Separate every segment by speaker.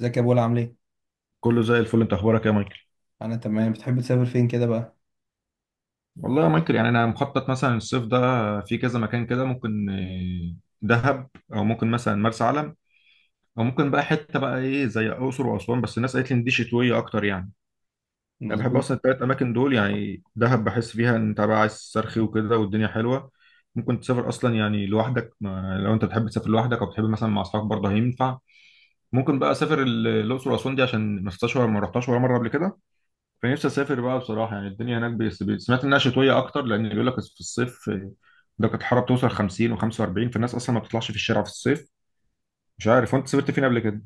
Speaker 1: ازيك يا بولا، عامل ايه؟
Speaker 2: كله زي الفل. انت اخبارك ايه يا مايكل؟
Speaker 1: انا تمام. بتحب تسافر فين كده بقى؟
Speaker 2: والله يا مايكل، يعني انا مخطط مثلا الصيف ده في كذا مكان كده، ممكن دهب، او ممكن مثلا مرسى علم، او ممكن بقى حته بقى ايه زي الاقصر واسوان. بس الناس قالت لي ان دي شتويه اكتر يعني. انا بحب
Speaker 1: مظبوط.
Speaker 2: اصلا الثلاث اماكن دول، يعني دهب بحس فيها ان انت بقى عايز تسترخي وكده والدنيا حلوه، ممكن تسافر اصلا يعني لوحدك، ما لو انت بتحب تسافر لوحدك او بتحب مثلا مع اصحابك برضه هينفع. ممكن بقى اسافر الاقصر واسوان دي، عشان ما شفتهاش ولا ما رحتهاش ولا مره قبل كده. فنفسي اسافر بقى بصراحه، يعني الدنيا هناك سمعت انها شتويه اكتر، لان بيقول لك في الصيف درجه الحراره بتوصل 50 و45، فالناس اصلا ما بتطلعش في الشارع في الصيف. مش عارف، وانت سافرت فين قبل كده؟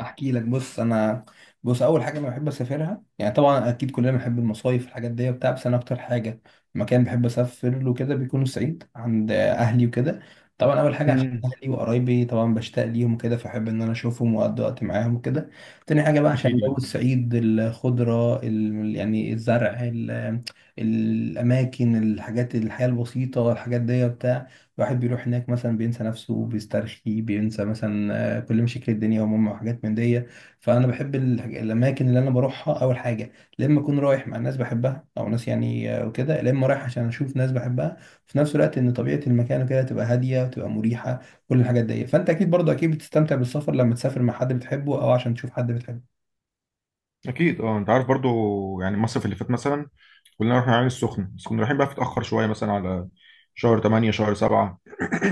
Speaker 1: احكي لك. بص انا، بص، اول حاجه انا بحب اسافرها يعني طبعا، اكيد كلنا بنحب المصايف الحاجات دي وبتاع. بس انا اكتر حاجه، مكان بحب اسافر له كده بيكون الصعيد عند اهلي وكده. طبعا اول حاجه عشان
Speaker 2: امم.
Speaker 1: اهلي وقرايبي، طبعا بشتاق ليهم وكده، فاحب ان انا اشوفهم واقضي وقت معاهم وكده. تاني حاجه بقى عشان
Speaker 2: اكيد
Speaker 1: جو
Speaker 2: يعني.
Speaker 1: الصعيد، الخضره يعني الزرع الاماكن، الحاجات، الحياه البسيطه، الحاجات دي وبتاع. الواحد بيروح هناك مثلا بينسى نفسه، بيسترخي، بينسى مثلا كل شكل الدنيا وماما وحاجات من دي. فانا بحب الاماكن اللي انا بروحها اول حاجه، لا اما اكون رايح مع ناس بحبها، او ناس يعني وكده، لا اما رايح عشان اشوف ناس بحبها، في نفس الوقت ان طبيعه المكان وكده تبقى هاديه وتبقى مريحه كل الحاجات دي. فانت اكيد برضه، اكيد بتستمتع بالسفر لما تسافر مع حد بتحبه او عشان تشوف حد بتحبه.
Speaker 2: اكيد، اه انت عارف برضو. يعني مصر في اللي فات مثلا، كلنا رحنا العين السخنه، بس كنا رايحين بقى في، اتاخر شويه مثلا على شهر 8 شهر 7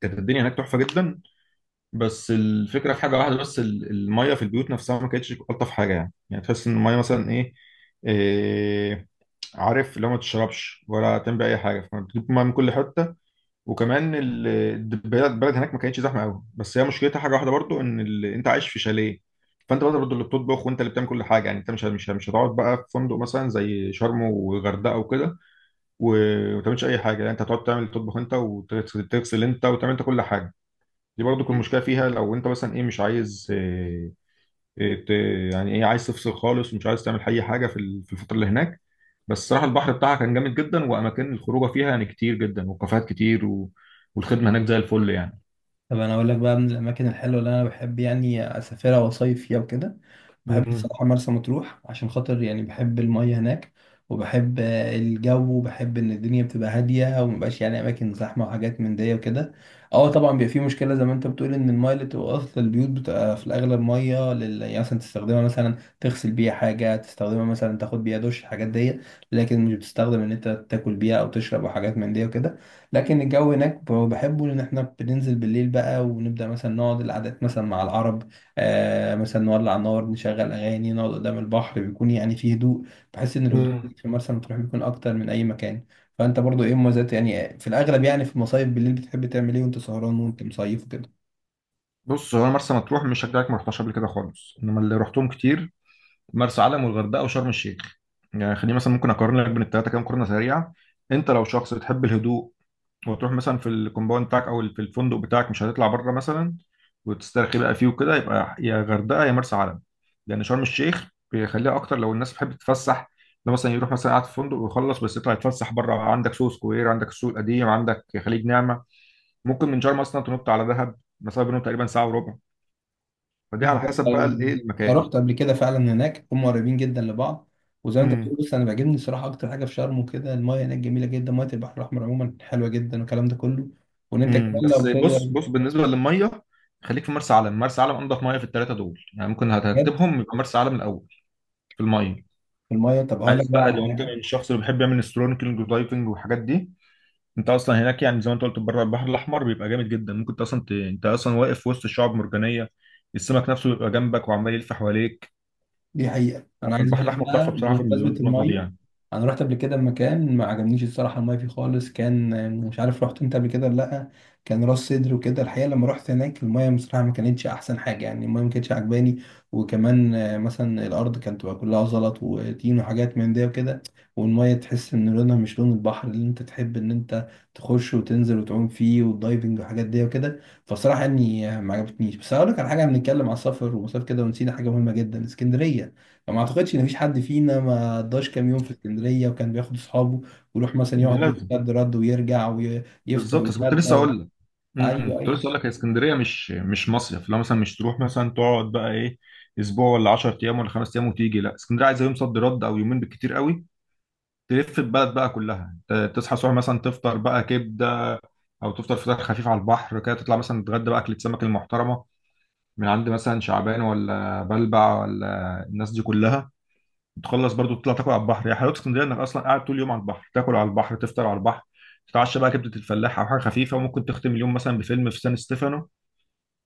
Speaker 2: كانت الدنيا هناك تحفه جدا. بس الفكره في حاجه واحده بس، الميه في البيوت نفسها ما كانتش الطف حاجه، يعني تحس ان الميه مثلا ايه. إيه، عارف، لو ما تشربش ولا تعمل اي حاجه فبتجيب ميه من كل حته. وكمان البلد البلد هناك ما كانتش زحمه قوي، بس هي مشكلتها حاجه واحده برضو، ان انت عايش في شاليه، فانت برضه اللي بتطبخ، وانت اللي بتعمل كل حاجه. يعني انت مش هتقعد بقى في فندق مثلا زي شرم وغردقه وكده وما تعملش اي حاجه. يعني انت هتقعد تعمل تطبخ انت، وتغسل تغسل انت، وتعمل انت كل حاجه. دي برضه كل مشكله فيها، لو انت مثلا ايه مش عايز إيه، ت- يعني ايه، عايز تفصل خالص ومش عايز تعمل اي حاجه في في الفتره اللي هناك. بس الصراحه البحر بتاعها كان جامد جدا، واماكن الخروجه فيها يعني كتير جدا، وكافيهات كتير والخدمه هناك زي الفل يعني.
Speaker 1: طب انا اقول لك بقى من الاماكن الحلوه اللي انا بحب يعني اسافرها واصيف فيها وكده، بحب
Speaker 2: مم.
Speaker 1: الصراحه مرسى مطروح، عشان خاطر يعني بحب الميه هناك، وبحب الجو، وبحب ان الدنيا بتبقى هاديه ومبقاش يعني اماكن زحمه وحاجات من دي وكده. اه طبعا بيبقى في مشكله زي ما انت بتقول ان الميه اللي بتبقى اصلا البيوت بتبقى في الاغلب ميه يعني مثلا تستخدمها مثلا تغسل بيها حاجه، تستخدمها مثلا تاخد بيها دش، الحاجات دي. لكن مش بتستخدم ان انت تاكل بيها او تشرب او حاجات من دي وكده. لكن الجو هناك بحبه، لان احنا بننزل بالليل بقى ونبدا مثلا نقعد القعدات مثلا مع العرب، آه مثلا نولع نار، نشغل اغاني، نقعد قدام البحر، بيكون يعني فيه هدوء. بحس ان الهدوء
Speaker 2: مم.
Speaker 1: في مرسى مطروح بيكون اكتر من اي مكان. فانت برضو ايه مميزات يعني، في الاغلب يعني في المصايف بالليل بتحب تعمل ايه وانت سهران وانت مصيف كده؟
Speaker 2: بص، هو أنا مرسى مطروح مش هشجعك، ما رحتهاش قبل كده خالص. انما اللي رحتهم كتير مرسى علم والغردقه وشرم الشيخ. يعني خليني مثلا ممكن اقارن لك بين الثلاثه كام مقارنه سريعه. انت لو شخص بتحب الهدوء، وتروح مثلا في الكومباوند بتاعك او في الفندق بتاعك، مش هتطلع بره مثلا وتسترخي بقى فيه وكده، يبقى يا غردقه يا مرسى علم. لان شرم الشيخ بيخليها اكتر لو الناس بتحب تتفسح. لو مثلا يروح مثلا قاعد في فندق، ويخلص بس يطلع يتفسح بره، عندك سوق سكوير، عندك السوق القديم، عندك خليج نعمه. ممكن من شرم اصلا تنط على دهب، مسافه بينهم تقريبا ساعه وربع. فدي على
Speaker 1: بالظبط،
Speaker 2: حسب بقى الايه،
Speaker 1: أيوة. انا
Speaker 2: المكان.
Speaker 1: رحت قبل كده فعلا هناك، هم قريبين جدا لبعض. وزي ما انت
Speaker 2: امم.
Speaker 1: بتقول بص، انا بيعجبني الصراحه اكتر حاجه في شرم وكده، المايه هناك جميله جدا، مايه البحر الاحمر عموما حلوه جدا والكلام ده كله. وان انت كمان
Speaker 2: امم، بس
Speaker 1: لو
Speaker 2: بص
Speaker 1: تقدر.
Speaker 2: بص بالنسبه للميه، خليك في مرسى علم. مرسى علم انضف ميه في الثلاثه دول. يعني ممكن
Speaker 1: بجد؟
Speaker 2: هترتبهم يبقى مرسى علم الاول في الميه.
Speaker 1: في المايه، طب هقول لك
Speaker 2: عايز
Speaker 1: بقى
Speaker 2: بقى،
Speaker 1: على
Speaker 2: لو انت من
Speaker 1: حاجه.
Speaker 2: الشخص اللي بيحب يعمل استرونيكلينج ودايفنج والحاجات دي، انت اصلا هناك، يعني زي ما انت قلت، بره البحر الاحمر بيبقى جامد جدا، ممكن انت اصلا واقف في وسط الشعاب المرجانيه، السمك نفسه بيبقى جنبك وعمال يلف حواليك.
Speaker 1: دي حقيقة،
Speaker 2: لا،
Speaker 1: أنا عايز أقول
Speaker 2: فالبحر
Speaker 1: لك
Speaker 2: الاحمر
Speaker 1: بقى
Speaker 2: تحفه بصراحه، في المليون
Speaker 1: بمناسبة
Speaker 2: في النقطه دي
Speaker 1: المية،
Speaker 2: يعني.
Speaker 1: أنا رحت قبل كده مكان ما عجبنيش الصراحة المية فيه خالص، كان مش عارف رحت أنت قبل كده ولا لأ، كان راس سدر وكده. الحقيقة لما رحت هناك المية بصراحة ما كانتش أحسن حاجة، يعني المية ما كانتش عجباني. وكمان مثلا الأرض كانت تبقى كلها زلط وطين وحاجات من ده وكده. والمية تحس إن لونها مش لون البحر اللي أنت تحب إن أنت تخش وتنزل وتعوم فيه والدايفنج وحاجات دي وكده. فصراحة يعني ما عجبتنيش. بس هقول لك على حاجة، بنتكلم على السفر ومسافة كده ونسينا حاجة مهمة جدا، اسكندرية. ما اعتقدش ان فيش حد فينا ما قضاش كام يوم في اسكندريه وكان بياخد اصحابه ويروح مثلا
Speaker 2: ده
Speaker 1: يقعد يوم
Speaker 2: لازم.
Speaker 1: رد رد ويرجع ويفطر
Speaker 2: بالظبط، بس كنت
Speaker 1: ويتغدى
Speaker 2: لسه
Speaker 1: و...
Speaker 2: اقول لك. امم،
Speaker 1: ايوه
Speaker 2: كنت لسه
Speaker 1: ايوه،
Speaker 2: اقول لك، هي اسكندريه مش مصيف. لو مثلا مش تروح مثلا تقعد بقى ايه اسبوع ولا 10 ايام ولا 5 ايام، وتيجي لا، اسكندريه عايزه يوم صد رد او يومين بالكتير قوي. تلف البلد بقى كلها، تصحى الصبح مثلا تفطر بقى كبده، او تفطر فطار خفيف على البحر كده، تطلع مثلا تتغدى بقى اكله سمك المحترمه من عند مثلا شعبان، ولا بلبع، ولا الناس دي كلها. تخلص برضو تطلع تاكل على البحر. يا حلاوه اسكندريه، انك اصلا قاعد طول اليوم على البحر، تاكل على البحر، تفطر على البحر، تتعشى بقى كبده الفلاح او حاجه خفيفه. وممكن تختم اليوم مثلا بفيلم في سان ستيفانو،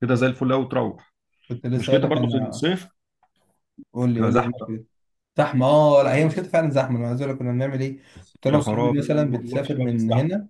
Speaker 2: كده زي الفل قوي. وتروح.
Speaker 1: كنت لسه اقول
Speaker 2: مشكلتها
Speaker 1: لك
Speaker 2: برضو في
Speaker 1: انا.
Speaker 2: الصيف،
Speaker 1: قول لي
Speaker 2: بتبقى
Speaker 1: قول لي ايه
Speaker 2: زحمه بقى.
Speaker 1: المشكله؟ زحمه، اه لا هي مشكلتها فعلا زحمه. انا عايز اقول لك كنا بنعمل ايه. كنت انا
Speaker 2: يا
Speaker 1: واصحابي
Speaker 2: خرابي
Speaker 1: مثلا
Speaker 2: ما اقولكش
Speaker 1: بنسافر
Speaker 2: بقى،
Speaker 1: من
Speaker 2: بتستحمل.
Speaker 1: هنا،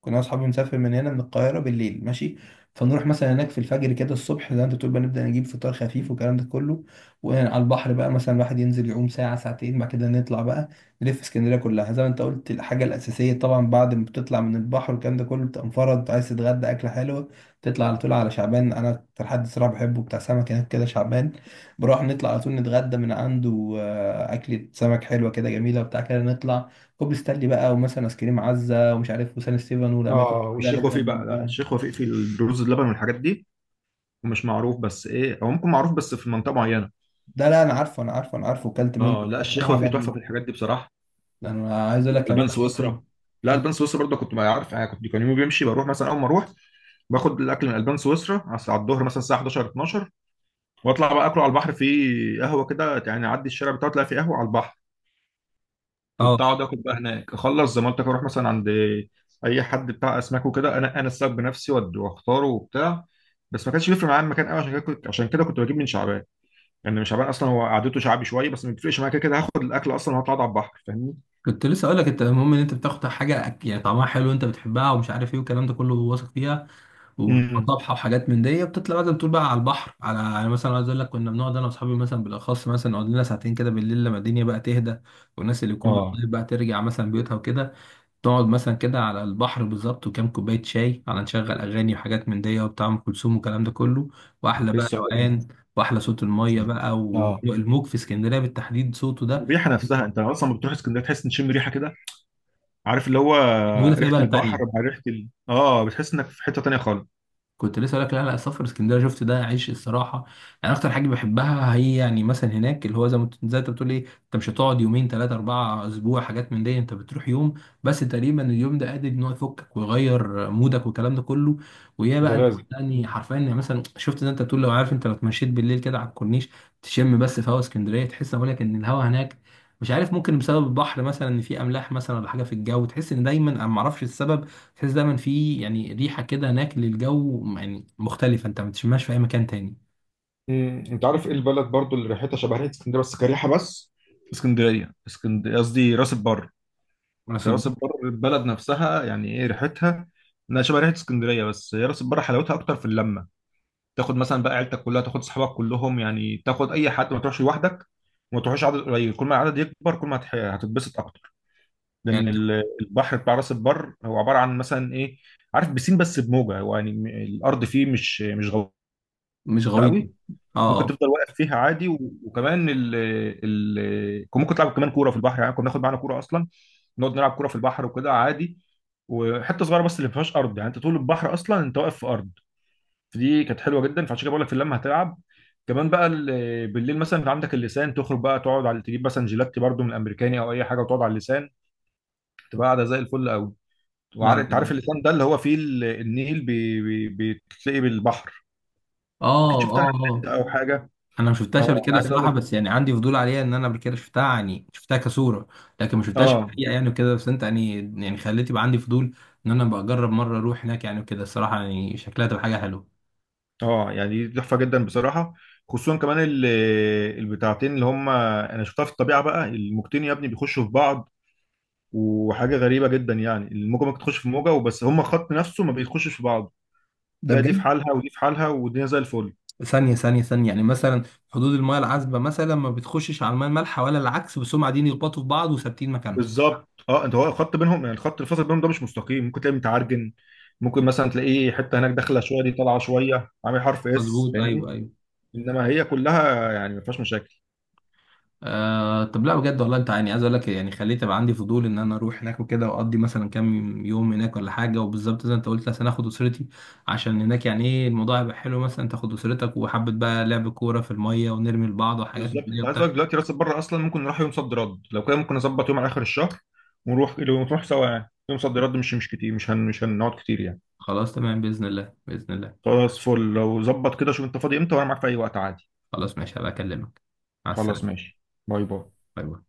Speaker 1: كنا اصحابي نسافر من هنا من القاهره بالليل ماشي، فنروح مثلا هناك في الفجر كده الصبح، زي ما انت بتقول بقى نبدا نجيب فطار خفيف والكلام ده كله. وعلى البحر بقى مثلا الواحد ينزل يعوم ساعه ساعتين، بعد كده نطلع بقى نلف اسكندريه كلها. زي ما انت قلت، الحاجه الاساسيه طبعا بعد ما بتطلع من البحر والكلام ده كله بتبقى مفرد، عايز تتغدى اكله حلوه، تطلع على طول على شعبان. انا اكتر حد صراحه بحبه بتاع سمك هناك كده شعبان، بروح نطلع على طول نتغدى من عنده، اكله سمك حلوه كده جميله وبتاع كده نطلع كوبري ستانلي بقى، ومثلا ايس كريم عزه ومش عارف، وسان ستيفن، والاماكن دي
Speaker 2: اه،
Speaker 1: كلها
Speaker 2: والشيخ
Speaker 1: نبدا
Speaker 2: وفيق
Speaker 1: من
Speaker 2: بقى. لا،
Speaker 1: هناك.
Speaker 2: الشيخ وفيق في الرز اللبن والحاجات دي، ومش معروف، بس ايه، او ممكن معروف بس في منطقه معينه.
Speaker 1: ده لا، انا عارفه انا عارفه انا عارفه، وكلت منه.
Speaker 2: اه، لا الشيخ
Speaker 1: بصراحه
Speaker 2: وفيق تحفه في
Speaker 1: عجبني.
Speaker 2: الحاجات دي بصراحه.
Speaker 1: ده انا عايز اقول لك كمان
Speaker 2: البان
Speaker 1: أحسن-
Speaker 2: سويسرا. لا،
Speaker 1: آه.
Speaker 2: البان سويسرا برضه كنت بقى عارف يعني. كنت كان يومي بيمشي، بروح مثلا اول ما اروح باخد الاكل من البان سويسرا على الظهر مثلا الساعه 11 12، واطلع بقى اكله على البحر في قهوه كده. يعني اعدي الشارع بتاعه تلاقي في قهوه على البحر.
Speaker 1: اه
Speaker 2: كنت اقعد اكل بقى هناك، اخلص زمالتك اروح مثلا عند اي حد بتاع اسماك وكده. انا السبب بنفسي واختاره وبتاع. بس ما كانش بيفرق معايا المكان قوي، عشان كده كنت، بجيب من شعبان. يعني من شعبان اصلا هو قعدته شعبي شويه، بس ما بيفرقش معايا، كده كده هاخد الاكل اصلا وهطلع أقعد على البحر.
Speaker 1: كنت لسه اقول لك، انت المهم ان انت بتاخد حاجه يعني طعمها حلو، انت بتحبها ومش عارف ايه والكلام ده كله، واثق فيها وبتبقى
Speaker 2: فاهمني؟
Speaker 1: طابحه وحاجات من دي. بتطلع بقى زي ما بتقول بقى على البحر، على يعني مثلا عايز اقول لك كنا بنقعد انا واصحابي مثلا بالاخص مثلا نقعد لنا ساعتين كده بالليل لما الدنيا بقى تهدى والناس اللي يكون
Speaker 2: اه،
Speaker 1: بتطيب بقى ترجع مثلا بيوتها وكده. تقعد مثلا كده على البحر بالظبط، وكام كوباية شاي، على نشغل أغاني وحاجات من دي وبتاع أم كلثوم والكلام ده كله، وأحلى
Speaker 2: كنت
Speaker 1: بقى
Speaker 2: لسه هقول
Speaker 1: روقان، وأحلى صوت المية
Speaker 2: لك.
Speaker 1: بقى
Speaker 2: اه،
Speaker 1: والموج في اسكندرية بالتحديد صوته ده
Speaker 2: الريحه نفسها انت اصلا لما بتروح اسكندريه تحس ان تشم ريحه كده. عارف اللي هو،
Speaker 1: مش موجود في أي
Speaker 2: ريحه
Speaker 1: بلد
Speaker 2: البحر
Speaker 1: تانية.
Speaker 2: مع ريحه ال... اه بتحس انك في حته تانيه خالص.
Speaker 1: كنت لسه اقول لك، لا لا، السفر اسكندريه، شفت ده عيش الصراحه. يعني اكتر حاجه بحبها هي يعني مثلا هناك اللي هو، زي ما زي انت بتقول ايه، انت مش هتقعد يومين ثلاثه اربعه اسبوع حاجات من دي، انت بتروح يوم بس، تقريبا اليوم ده قادر ان هو يفكك ويغير مودك والكلام ده كله. ويا
Speaker 2: ده
Speaker 1: بقى انت
Speaker 2: لازم.
Speaker 1: يعني
Speaker 2: مم.
Speaker 1: حرفيا، يعني مثلا شفت زي انت بتقول، لو عارف انت لو اتمشيت بالليل كده على الكورنيش، تشم بس في هوا اسكندريه، تحس، بقول لك ان الهوا هناك، مش عارف، ممكن بسبب البحر مثلا ان في املاح مثلا، ولا حاجه في الجو، تحس ان دايما، انا ما اعرفش السبب، تحس دايما في يعني ريحه كده هناك للجو، يعني مختلفه انت ما بتشمهاش في اي مكان تاني.
Speaker 2: مم. انت عارف ايه البلد برضو اللي ريحتها شبه ريحه اسكندريه، بس كريحه بس؟ اسكندريه، اسكندريه قصدي راس البر. انت
Speaker 1: راس
Speaker 2: راس
Speaker 1: البر.
Speaker 2: البر البلد نفسها يعني ايه ريحتها، انها شبه ريحه اسكندريه. بس هي راس البر حلاوتها اكتر في اللمه، تاخد مثلا بقى عيلتك كلها، تاخد صحابك كلهم. يعني تاخد اي حد، ما تروحش لوحدك، وما تروحش عدد قليل. كل ما العدد يكبر كل ما هتتبسط اكتر. لان
Speaker 1: يعني
Speaker 2: البحر بتاع راس البر هو عباره عن مثلا ايه، عارف، بسين بس بموجه. هو يعني الارض فيه مش غلطه
Speaker 1: مش غويطه.
Speaker 2: قوي.
Speaker 1: اه
Speaker 2: ممكن
Speaker 1: اه.
Speaker 2: تفضل واقف فيها عادي، وكمان ال ال كان ممكن تلعب كمان كوره في البحر. يعني كنا ناخد معانا كوره اصلا، نقعد نلعب كوره في البحر وكده عادي. وحته صغيره بس اللي ما فيهاش ارض، يعني انت طول البحر اصلا انت واقف في ارض. فدي كانت حلوه جدا، فعشان كده بقول لك في اللمه هتلعب كمان بقى. بالليل مثلا انت عندك اللسان، تخرج بقى تقعد على، تجيب مثلا جيلاتي برضو من الامريكاني او اي حاجه، وتقعد على اللسان تبقى قاعده زي الفل قوي.
Speaker 1: لا
Speaker 2: وعارف،
Speaker 1: لا
Speaker 2: انت عارف
Speaker 1: لا.
Speaker 2: اللسان ده اللي هو فيه النيل بتلاقي بالبحر. اكيد
Speaker 1: اه
Speaker 2: شفتها على
Speaker 1: اه
Speaker 2: النت
Speaker 1: اه.
Speaker 2: او حاجه.
Speaker 1: انا ما شفتهاش قبل
Speaker 2: اه انا
Speaker 1: كده
Speaker 2: عايز اقول
Speaker 1: صراحه،
Speaker 2: لك.
Speaker 1: بس يعني عندي فضول عليها ان انا قبل كده شفتها، يعني شفتها كصوره. لكن ما شفتهاش في
Speaker 2: اه
Speaker 1: الحقيقه يعني وكده، بس انت يعني خليت يبقى عندي فضول ان انا بقى اجرب مره اروح هناك يعني وكده، الصراحه يعني شكلها تبقى حاجه حلوه.
Speaker 2: اه. يعني دي تحفه جدا بصراحه، خصوصا كمان البتاعتين اللي هم انا شفتها في الطبيعه بقى، الموجتين يا ابني بيخشوا في بعض. وحاجه غريبه جدا، يعني الموجه ممكن تخش في موجه وبس، هما خط نفسه ما بيخشش في بعض.
Speaker 1: ده
Speaker 2: تلاقي دي في
Speaker 1: بجد؟
Speaker 2: حالها، ودي في حالها، والدنيا زي الفل.
Speaker 1: ثانية ثانية ثانية، يعني مثلا حدود المياه العذبة مثلا ما بتخشش على المياه المالحة ولا العكس، بس هم قاعدين يخبطوا في بعض وثابتين مكانهم.
Speaker 2: بالظبط، اه، انت هو الخط بينهم، يعني الخط اللي فاصل بينهم ده مش مستقيم، ممكن تلاقيه متعرجن. ممكن مثلا تلاقيه حته هناك داخله شويه، دي طالعه شويه، عامل حرف اس،
Speaker 1: مظبوط، ايوه
Speaker 2: فاهمني.
Speaker 1: ايوه.
Speaker 2: انما هي كلها يعني ما فيهاش مشاكل.
Speaker 1: آه طب، لا بجد والله، انت يعني عايز اقول لك يعني خليت ابقى عندي فضول ان انا اروح هناك وكده واقضي مثلا كام يوم هناك ولا حاجه، وبالظبط زي ما انت قلت مثلا اخد اسرتي، عشان هناك يعني ايه، الموضوع هيبقى حلو مثلا تاخد اسرتك وحبه بقى لعب كوره في الميه ونرمي لبعض وحاجات من
Speaker 2: بالظبط،
Speaker 1: دي
Speaker 2: انت عايز
Speaker 1: وبتاع.
Speaker 2: اقول لك دلوقتي راسب بره اصلا، ممكن نروح يوم صد رد، لو كده ممكن نظبط يوم على اخر الشهر ونروح، نروح سوا يعني. يوم صد رد مش كتير، مش هنقعد كتير يعني.
Speaker 1: خلاص تمام، باذن الله باذن الله.
Speaker 2: خلاص فل، لو ظبط كده شوف انت فاضي امتى، وانا معاك في اي وقت عادي.
Speaker 1: خلاص ماشي هبقى اكلمك. مع
Speaker 2: خلاص
Speaker 1: السلامه.
Speaker 2: ماشي. باي باي.
Speaker 1: باي باي.